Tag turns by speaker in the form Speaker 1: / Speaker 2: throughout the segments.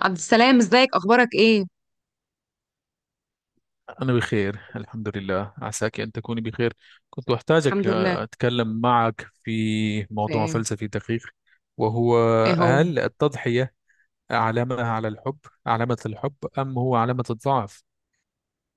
Speaker 1: عبد السلام، ازيك؟ اخبارك ايه؟
Speaker 2: أنا بخير الحمد لله عساك أن تكوني بخير. كنت أحتاجك،
Speaker 1: الحمد لله.
Speaker 2: أتكلم معك في موضوع
Speaker 1: ايه؟
Speaker 2: فلسفي دقيق. وهو،
Speaker 1: ايه هو؟
Speaker 2: هل التضحية علامة على الحب، علامة الحب أم هو علامة الضعف؟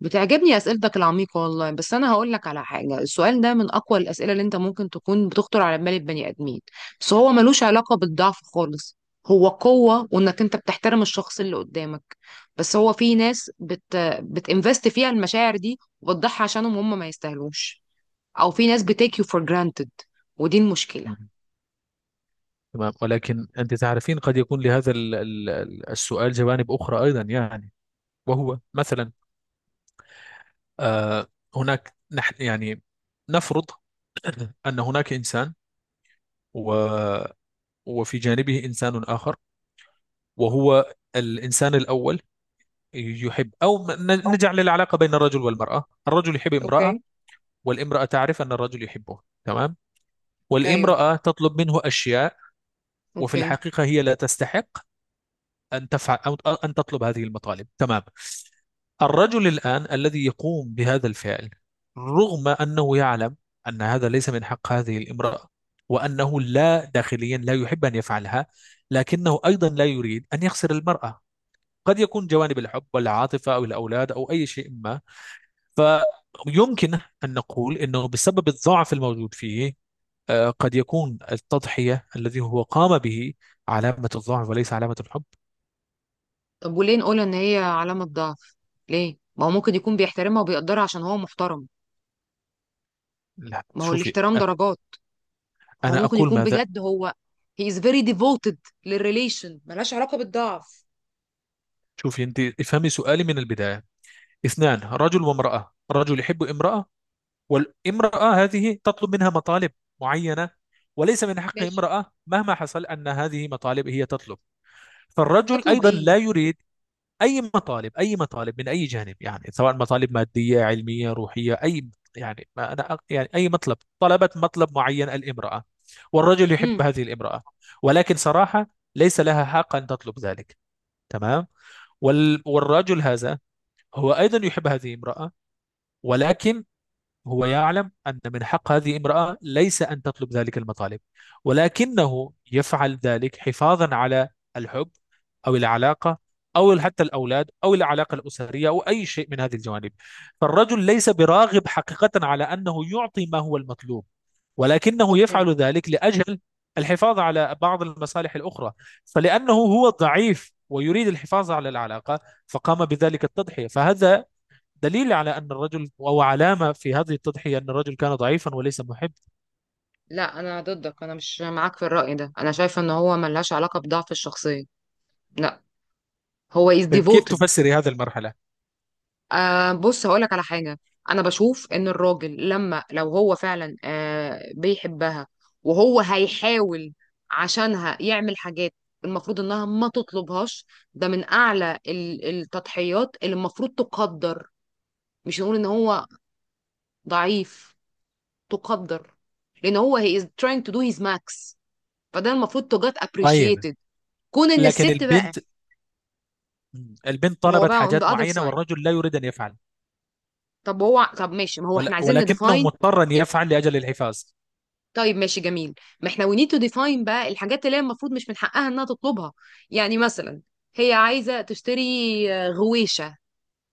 Speaker 1: بتعجبني اسئلتك العميقه والله، بس انا هقول لك على حاجه. السؤال ده من اقوى الاسئله اللي انت ممكن تكون بتخطر على بال البني ادمين. بس هو ملوش علاقه بالضعف خالص. هو قوه، وانك انت بتحترم الشخص اللي قدامك. بس هو في ناس بتinvest فيها المشاعر دي وبتضحي عشانهم، هم ما يستاهلوش. او في ناس بتيك يو فور جرانتد. ودي المشكله.
Speaker 2: مم. تمام، ولكن أنت تعرفين قد يكون لهذا السؤال جوانب أخرى أيضا يعني. وهو مثلا، آه، هناك نحن يعني نفرض أن هناك إنسان و وفي جانبه إنسان آخر، وهو الإنسان الأول يحب، أو نجعل العلاقة بين الرجل والمرأة، الرجل يحب امرأة،
Speaker 1: اوكي.
Speaker 2: والامرأة تعرف أن الرجل يحبه، تمام.
Speaker 1: ايوه.
Speaker 2: والامرأة تطلب منه أشياء، وفي
Speaker 1: اوكي.
Speaker 2: الحقيقة هي لا تستحق أن تفعل أو أن تطلب هذه المطالب، تمام. الرجل الآن الذي يقوم بهذا الفعل، رغم أنه يعلم أن هذا ليس من حق هذه الامرأة، وأنه لا داخليا لا يحب أن يفعلها، لكنه أيضا لا يريد أن يخسر المرأة. قد يكون جوانب الحب والعاطفة أو الأولاد أو أي شيء ما، فيمكن أن نقول أنه بسبب الضعف الموجود فيه، قد يكون التضحية الذي هو قام به علامة الضعف وليس علامة الحب.
Speaker 1: طب وليه نقول ان هي علامة ضعف؟ ليه؟ ما هو ممكن يكون بيحترمها وبيقدرها عشان هو محترم.
Speaker 2: لا
Speaker 1: ما هو
Speaker 2: شوفي،
Speaker 1: الاحترام درجات. هو
Speaker 2: أنا
Speaker 1: ممكن
Speaker 2: أقول
Speaker 1: يكون
Speaker 2: ماذا.
Speaker 1: بجد، هو he is very devoted للريليشن، ملهاش علاقة بالضعف.
Speaker 2: شوفي أنت، افهمي سؤالي من البداية. اثنان، رجل وامرأة، رجل يحب امرأة، والامرأة هذه تطلب منها مطالب معينة، وليس من حق
Speaker 1: ماشي.
Speaker 2: امرأة مهما حصل أن هذه مطالب هي تطلب. فالرجل
Speaker 1: تطلب
Speaker 2: أيضا
Speaker 1: ايه؟
Speaker 2: لا يريد. اي مطالب، اي مطالب من اي جانب يعني، سواء مطالب ماديه، علميه، روحيه، اي يعني. ما انا يعني اي مطلب، طلبت مطلب معين الامراه، والرجل يحب
Speaker 1: امم.
Speaker 2: هذه الامراه، ولكن صراحه ليس لها حق ان تطلب ذلك، تمام. والرجل هذا هو ايضا يحب هذه الامراه، ولكن هو يعلم أن من حق هذه امرأة ليس أن تطلب ذلك المطالب، ولكنه يفعل ذلك حفاظا على الحب، أو العلاقة، أو حتى الأولاد أو العلاقة الأسرية أو أي شيء من هذه الجوانب. فالرجل ليس براغب حقيقة على أنه يعطي ما هو المطلوب، ولكنه
Speaker 1: اوكي.
Speaker 2: يفعل ذلك لأجل الحفاظ على بعض المصالح الأخرى. فلأنه هو ضعيف ويريد الحفاظ على العلاقة فقام بذلك التضحية، فهذا دليل على أن الرجل، أو علامة في هذه التضحية، أن الرجل كان ضعيفا وليس محب.
Speaker 1: لا، انا ضدك، انا مش معاك في الرأي ده، انا شايفة ان هو ملهاش علاقة بضعف الشخصية. لا. هو is
Speaker 2: طيب كيف
Speaker 1: devoted.
Speaker 2: تفسري هذه المرحلة؟
Speaker 1: بص هقولك على حاجة. أنا بشوف إن الراجل، لما لو هو فعلا بيحبها، وهو هيحاول عشانها يعمل حاجات المفروض إنها ما تطلبهاش. ده من أعلى التضحيات اللي المفروض تقدر. مش نقول إن هو ضعيف. تقدر. لأن هو he is trying to do his max. فده المفروض to get
Speaker 2: طيب،
Speaker 1: appreciated. كون إن
Speaker 2: لكن
Speaker 1: الست بقى.
Speaker 2: البنت، البنت
Speaker 1: ما هو
Speaker 2: طلبت
Speaker 1: بقى on the
Speaker 2: حاجات
Speaker 1: other
Speaker 2: معينة
Speaker 1: side.
Speaker 2: والرجل لا يريد أن يفعل،
Speaker 1: طب هو، طب ماشي، ما هو إحنا عايزين
Speaker 2: ولكنه
Speaker 1: نديفاين.
Speaker 2: مضطر أن يفعل لأجل الحفاظ.
Speaker 1: طيب ماشي، جميل. ما احنا we need to define بقى الحاجات اللي هي المفروض مش من حقها انها تطلبها. يعني مثلا، هي عايزة تشتري غويشة،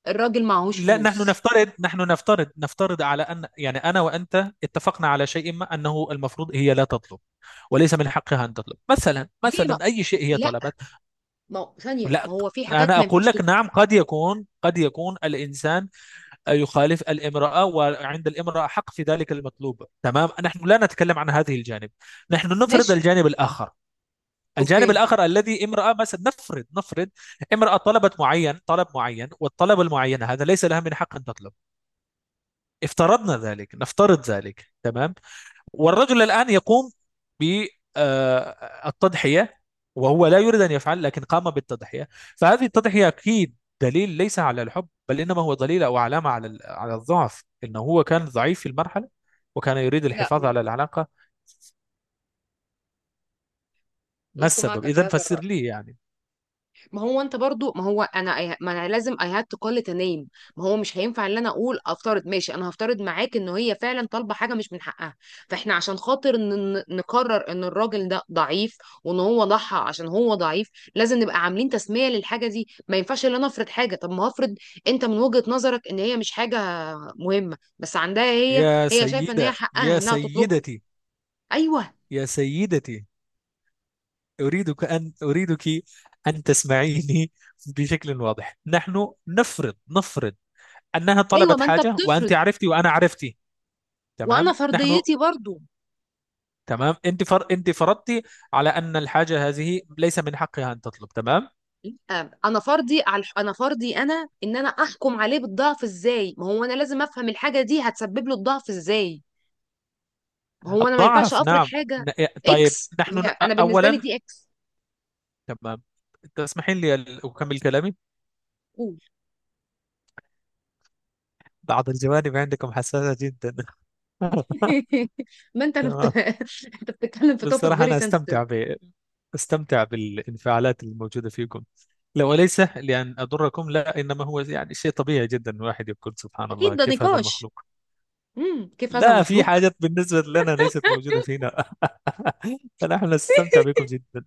Speaker 1: الراجل معهوش
Speaker 2: لا، نحن
Speaker 1: فلوس.
Speaker 2: نفترض، نفترض على أن، يعني أنا وأنت اتفقنا على شيء ما أنه المفروض هي لا تطلب، وليس من حقها أن تطلب، مثلا
Speaker 1: ليه ما.
Speaker 2: مثلا أي شيء هي
Speaker 1: لا.
Speaker 2: طلبت.
Speaker 1: ما هو- ثانية،
Speaker 2: لا،
Speaker 1: ما هو في حاجات
Speaker 2: أنا
Speaker 1: ما
Speaker 2: أقول
Speaker 1: ينفعش
Speaker 2: لك
Speaker 1: تت-.
Speaker 2: نعم، قد يكون الإنسان يخالف الامرأة وعند الامرأة حق في ذلك المطلوب، تمام، نحن لا نتكلم عن هذه الجانب، نحن نفرض
Speaker 1: ماشي.
Speaker 2: الجانب الآخر. الجانب
Speaker 1: اوكي.
Speaker 2: الآخر الذي امرأة، مثلا نفرض نفرض امرأة طلبت معين، طلب معين، والطلب المعين هذا ليس لها من حق أن تطلب، افترضنا ذلك، نفترض ذلك، تمام. والرجل الآن يقوم بالتضحية، وهو لا يريد أن يفعل لكن قام بالتضحية. فهذه التضحية أكيد دليل ليس على الحب، بل إنما هو دليل أو علامة على على الضعف، إنه هو كان ضعيف في المرحلة وكان يريد
Speaker 1: لا،
Speaker 2: الحفاظ على العلاقة. ما
Speaker 1: لست
Speaker 2: السبب
Speaker 1: معك في
Speaker 2: إذا،
Speaker 1: هذا
Speaker 2: فسر
Speaker 1: الرأي.
Speaker 2: لي يعني.
Speaker 1: ما هو انت برضو، ما هو انا ما انا لازم I had to call it a name. ما هو مش هينفع ان انا اقول افترض، ماشي، انا هفترض معاك ان هي فعلا طالبه حاجه مش من حقها. فاحنا عشان خاطر نقرر ان الراجل ده ضعيف وان هو ضحى عشان هو ضعيف، لازم نبقى عاملين تسميه للحاجه دي. ما ينفعش ان انا افرض حاجه، طب ما هفرض. انت من وجهه نظرك ان هي مش حاجه مهمه، بس عندها هي. هي شايفه ان هي حقها
Speaker 2: يا
Speaker 1: انها تطلبها.
Speaker 2: سيدتي،
Speaker 1: ايوه.
Speaker 2: يا سيدتي، أريدك أن تسمعيني بشكل واضح. نحن نفرض، نفرض انها
Speaker 1: ايوه،
Speaker 2: طلبت
Speaker 1: ما انت
Speaker 2: حاجه، وانت
Speaker 1: بتفرض
Speaker 2: عرفتي وانا عرفتي،
Speaker 1: وانا
Speaker 2: تمام. نحن،
Speaker 1: فرضيتي برضو.
Speaker 2: تمام، انت فرضتي على ان الحاجه هذه ليس من حقها ان تطلب، تمام.
Speaker 1: انا فرضي انا، ان انا احكم عليه بالضعف ازاي؟ ما هو انا لازم افهم الحاجه دي هتسبب له الضعف ازاي. ما هو انا ما ينفعش
Speaker 2: الضعف،
Speaker 1: افرض
Speaker 2: نعم،
Speaker 1: حاجه.
Speaker 2: إيه، طيب
Speaker 1: اكس،
Speaker 2: نحن،
Speaker 1: هي انا بالنسبه لي
Speaker 2: اولا،
Speaker 1: دي اكس.
Speaker 2: تمام. تسمحين لي اكمل كلامي.
Speaker 1: قول.
Speaker 2: بعض الجوانب عندكم حساسة جدا.
Speaker 1: ما انت اللي بت...
Speaker 2: تمام.
Speaker 1: انت بتتكلم في توبيك
Speaker 2: بصراحه
Speaker 1: فيري
Speaker 2: انا
Speaker 1: سنسيتيف.
Speaker 2: استمتع ب... استمتع بالانفعالات الموجوده فيكم، لو ليس لان اضركم لا، انما هو يعني شيء طبيعي جدا، الواحد يقول سبحان
Speaker 1: اكيد
Speaker 2: الله
Speaker 1: ده
Speaker 2: كيف هذا
Speaker 1: نقاش.
Speaker 2: المخلوق.
Speaker 1: كيف هذا
Speaker 2: لا، في
Speaker 1: المخلوق.
Speaker 2: حاجات بالنسبة لنا ليست موجودة فينا. فنحن نستمتع بكم جدا.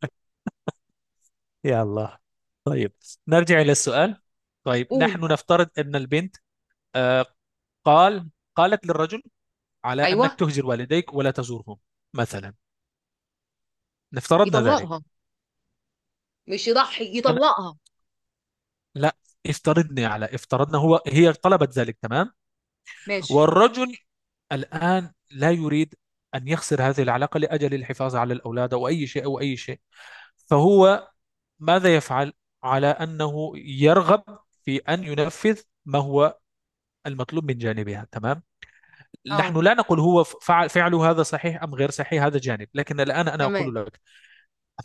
Speaker 2: يا الله. طيب، نرجع إلى السؤال. طيب،
Speaker 1: قول.
Speaker 2: نحن نفترض أن البنت، آه، قال قالت للرجل على أنك
Speaker 1: ايوه.
Speaker 2: تهجر والديك ولا تزورهم، مثلا، نفترضنا ذلك.
Speaker 1: يطلقها، مش يضحي،
Speaker 2: أنا
Speaker 1: يطلقها.
Speaker 2: لا افترضني على، افترضنا هو، هي طلبت ذلك، تمام.
Speaker 1: ماشي.
Speaker 2: والرجل الآن لا يريد أن يخسر هذه العلاقة لأجل الحفاظ على الأولاد أو أي شيء، فهو ماذا يفعل؟ على أنه يرغب في أن ينفذ ما هو المطلوب من جانبها، تمام. نحن
Speaker 1: اه.
Speaker 2: لا نقول هو فعل فعله هذا صحيح أم غير صحيح، هذا جانب، لكن الآن أنا
Speaker 1: تمام.
Speaker 2: أقول لك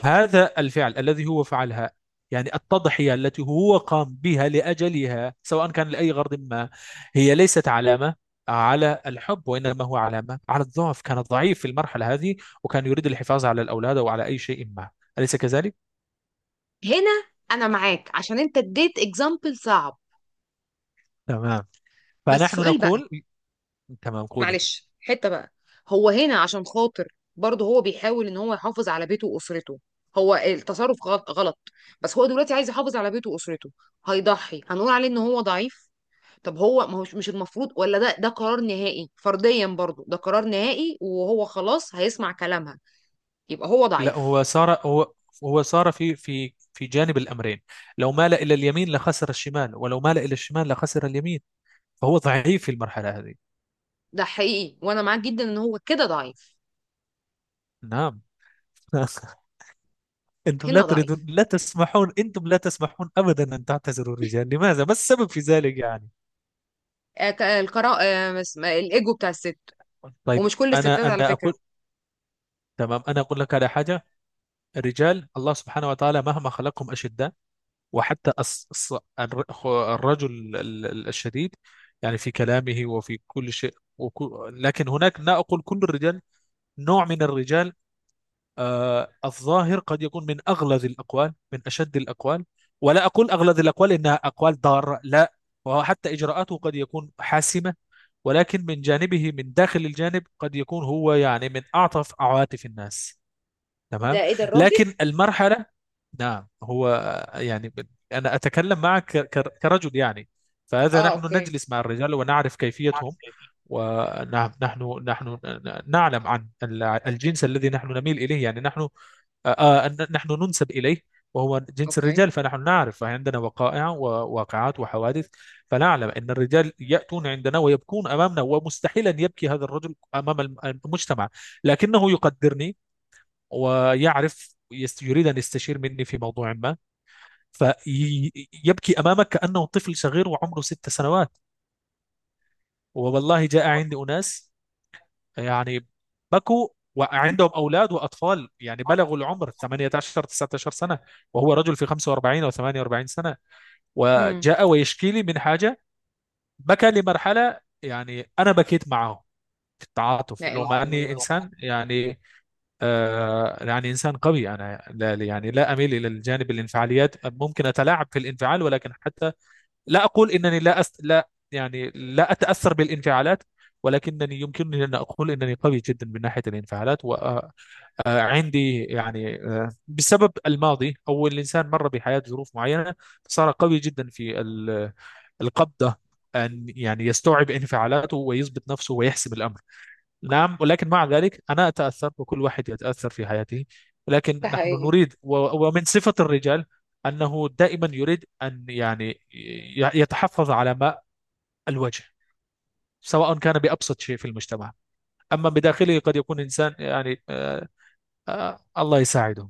Speaker 2: هذا الفعل الذي هو فعلها، يعني التضحية التي هو قام بها لأجلها، سواء كان لأي غرض ما، هي ليست علامة على الحب، وإنما هو علامة على الضعف، كان ضعيف في المرحلة هذه وكان يريد الحفاظ على الأولاد أو على أي شيء ما. أليس كذلك؟
Speaker 1: هنا انا معاك عشان انت اديت اكزامبل صعب.
Speaker 2: تمام،
Speaker 1: بس
Speaker 2: فنحن
Speaker 1: سؤال بقى.
Speaker 2: نقول، تمام قولي.
Speaker 1: معلش، حتة بقى. هو هنا عشان خاطر، برضه هو بيحاول ان هو يحافظ على بيته واسرته. هو التصرف غلط، غلط. بس هو دلوقتي عايز يحافظ على بيته واسرته. هيضحي، هنقول عليه ان هو ضعيف؟ طب هو، ما هوش مش المفروض، ولا ده قرار نهائي فرديا، برضه ده قرار نهائي وهو خلاص هيسمع كلامها؟ يبقى هو
Speaker 2: لا،
Speaker 1: ضعيف.
Speaker 2: هو صار في جانب الأمرين، لو مال إلى اليمين لخسر الشمال، ولو مال إلى الشمال لخسر اليمين، فهو ضعيف في المرحلة هذه.
Speaker 1: ده حقيقي، وانا معاك جدا ان هو كده ضعيف.
Speaker 2: نعم. أنتم لا
Speaker 1: هنا
Speaker 2: تريدون،
Speaker 1: ضعيف.
Speaker 2: لا تسمحون، أنتم لا تسمحون أبدا أن تعتذروا الرجال، لماذا؟ ما السبب في ذلك يعني؟
Speaker 1: الايجو بتاع الست.
Speaker 2: طيب،
Speaker 1: ومش كل
Speaker 2: أنا
Speaker 1: الستات على
Speaker 2: أنا
Speaker 1: فكرة.
Speaker 2: أقول، تمام، أنا أقول لك على حاجة. الرجال الله سبحانه وتعالى مهما خلقهم أشداء، وحتى الرجل الشديد، يعني في كلامه وفي كل شيء، لكن هناك، لا أقول كل الرجال، نوع من الرجال، الظاهر قد يكون من أغلظ الأقوال، من أشد الأقوال، ولا أقول أغلظ الأقوال إنها أقوال ضارة، لا، وهو حتى إجراءاته قد يكون حاسمة، ولكن من جانبه من داخل الجانب قد يكون هو يعني من أعطف عواطف الناس، تمام.
Speaker 1: ده ايه ده الراجل.
Speaker 2: لكن المرحلة، نعم هو يعني، أنا أتكلم معك كرجل يعني، فهذا
Speaker 1: اه،
Speaker 2: نحن
Speaker 1: اوكي.
Speaker 2: نجلس مع الرجال ونعرف كيفيتهم. ونعم، نحن نعلم عن الجنس الذي نحن نميل إليه، يعني نحن نحن ننسب إليه، وهو جنس
Speaker 1: اوكي.
Speaker 2: الرجال، فنحن نعرف عندنا وقائع وواقعات وحوادث. فنعلم أن الرجال يأتون عندنا ويبكون أمامنا، ومستحيل أن يبكي هذا الرجل أمام المجتمع، لكنه يقدرني ويعرف، يريد أن يستشير مني في موضوع ما، فيبكي أمامك كأنه طفل صغير وعمره 6 سنوات. والله جاء عندي أناس يعني بكوا، وعندهم أولاد وأطفال يعني بلغوا العمر 18 19 سنة، وهو رجل في 45 أو 48 سنة، وجاء ويشكي لي من حاجة، بكى لمرحلة يعني أنا بكيت معه في التعاطف،
Speaker 1: لا
Speaker 2: لو
Speaker 1: إله
Speaker 2: ما
Speaker 1: إلا
Speaker 2: أني
Speaker 1: الله.
Speaker 2: إنسان يعني، يعني إنسان قوي. أنا لا يعني لا أميل إلى الجانب الانفعاليات، ممكن أتلاعب في الانفعال، ولكن حتى لا أقول إنني لا أس... لا يعني لا أتأثر بالانفعالات، ولكنني يمكنني أن أقول إنني قوي جدا من ناحية الانفعالات. وعندي يعني، بسبب الماضي أو الإنسان مر بحياة ظروف معينة، صار قوي جدا في القبضة، أن يعني يستوعب انفعالاته ويضبط نفسه ويحسم الأمر. نعم، ولكن مع ذلك أنا أتأثر، وكل واحد يتأثر في حياته. ولكن
Speaker 1: ده
Speaker 2: نحن
Speaker 1: حقيقي.
Speaker 2: نريد، ومن صفة الرجال أنه دائما يريد أن يعني يتحفظ على ماء الوجه، سواء كان بأبسط شيء في المجتمع، أما بداخله قد يكون إنسان يعني الله يساعده.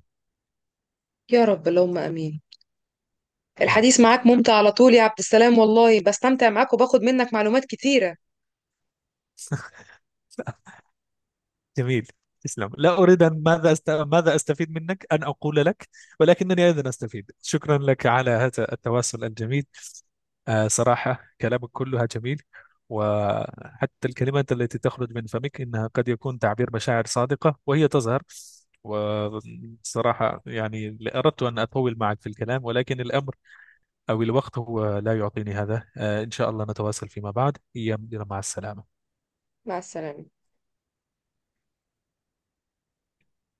Speaker 1: يا رب، اللهم امين.
Speaker 2: نعم.
Speaker 1: الحديث معاك ممتع على طول يا عبد السلام، والله بستمتع معاك وباخد منك معلومات كتيرة.
Speaker 2: جميل، تسلم. لا أريد أن ماذا ماذا أستفيد منك أن أقول لك، ولكنني أيضا أستفيد. شكرا لك على هذا التواصل الجميل. صراحة كلامك كلها جميل، وحتى الكلمات التي تخرج من فمك إنها قد يكون تعبير مشاعر صادقة وهي تظهر. وصراحة يعني أردت أن أطول معك في الكلام، ولكن الأمر أو الوقت هو لا يعطيني هذا، إن شاء الله نتواصل فيما بعد يا مدير، مع السلامة.
Speaker 1: مع السلامة.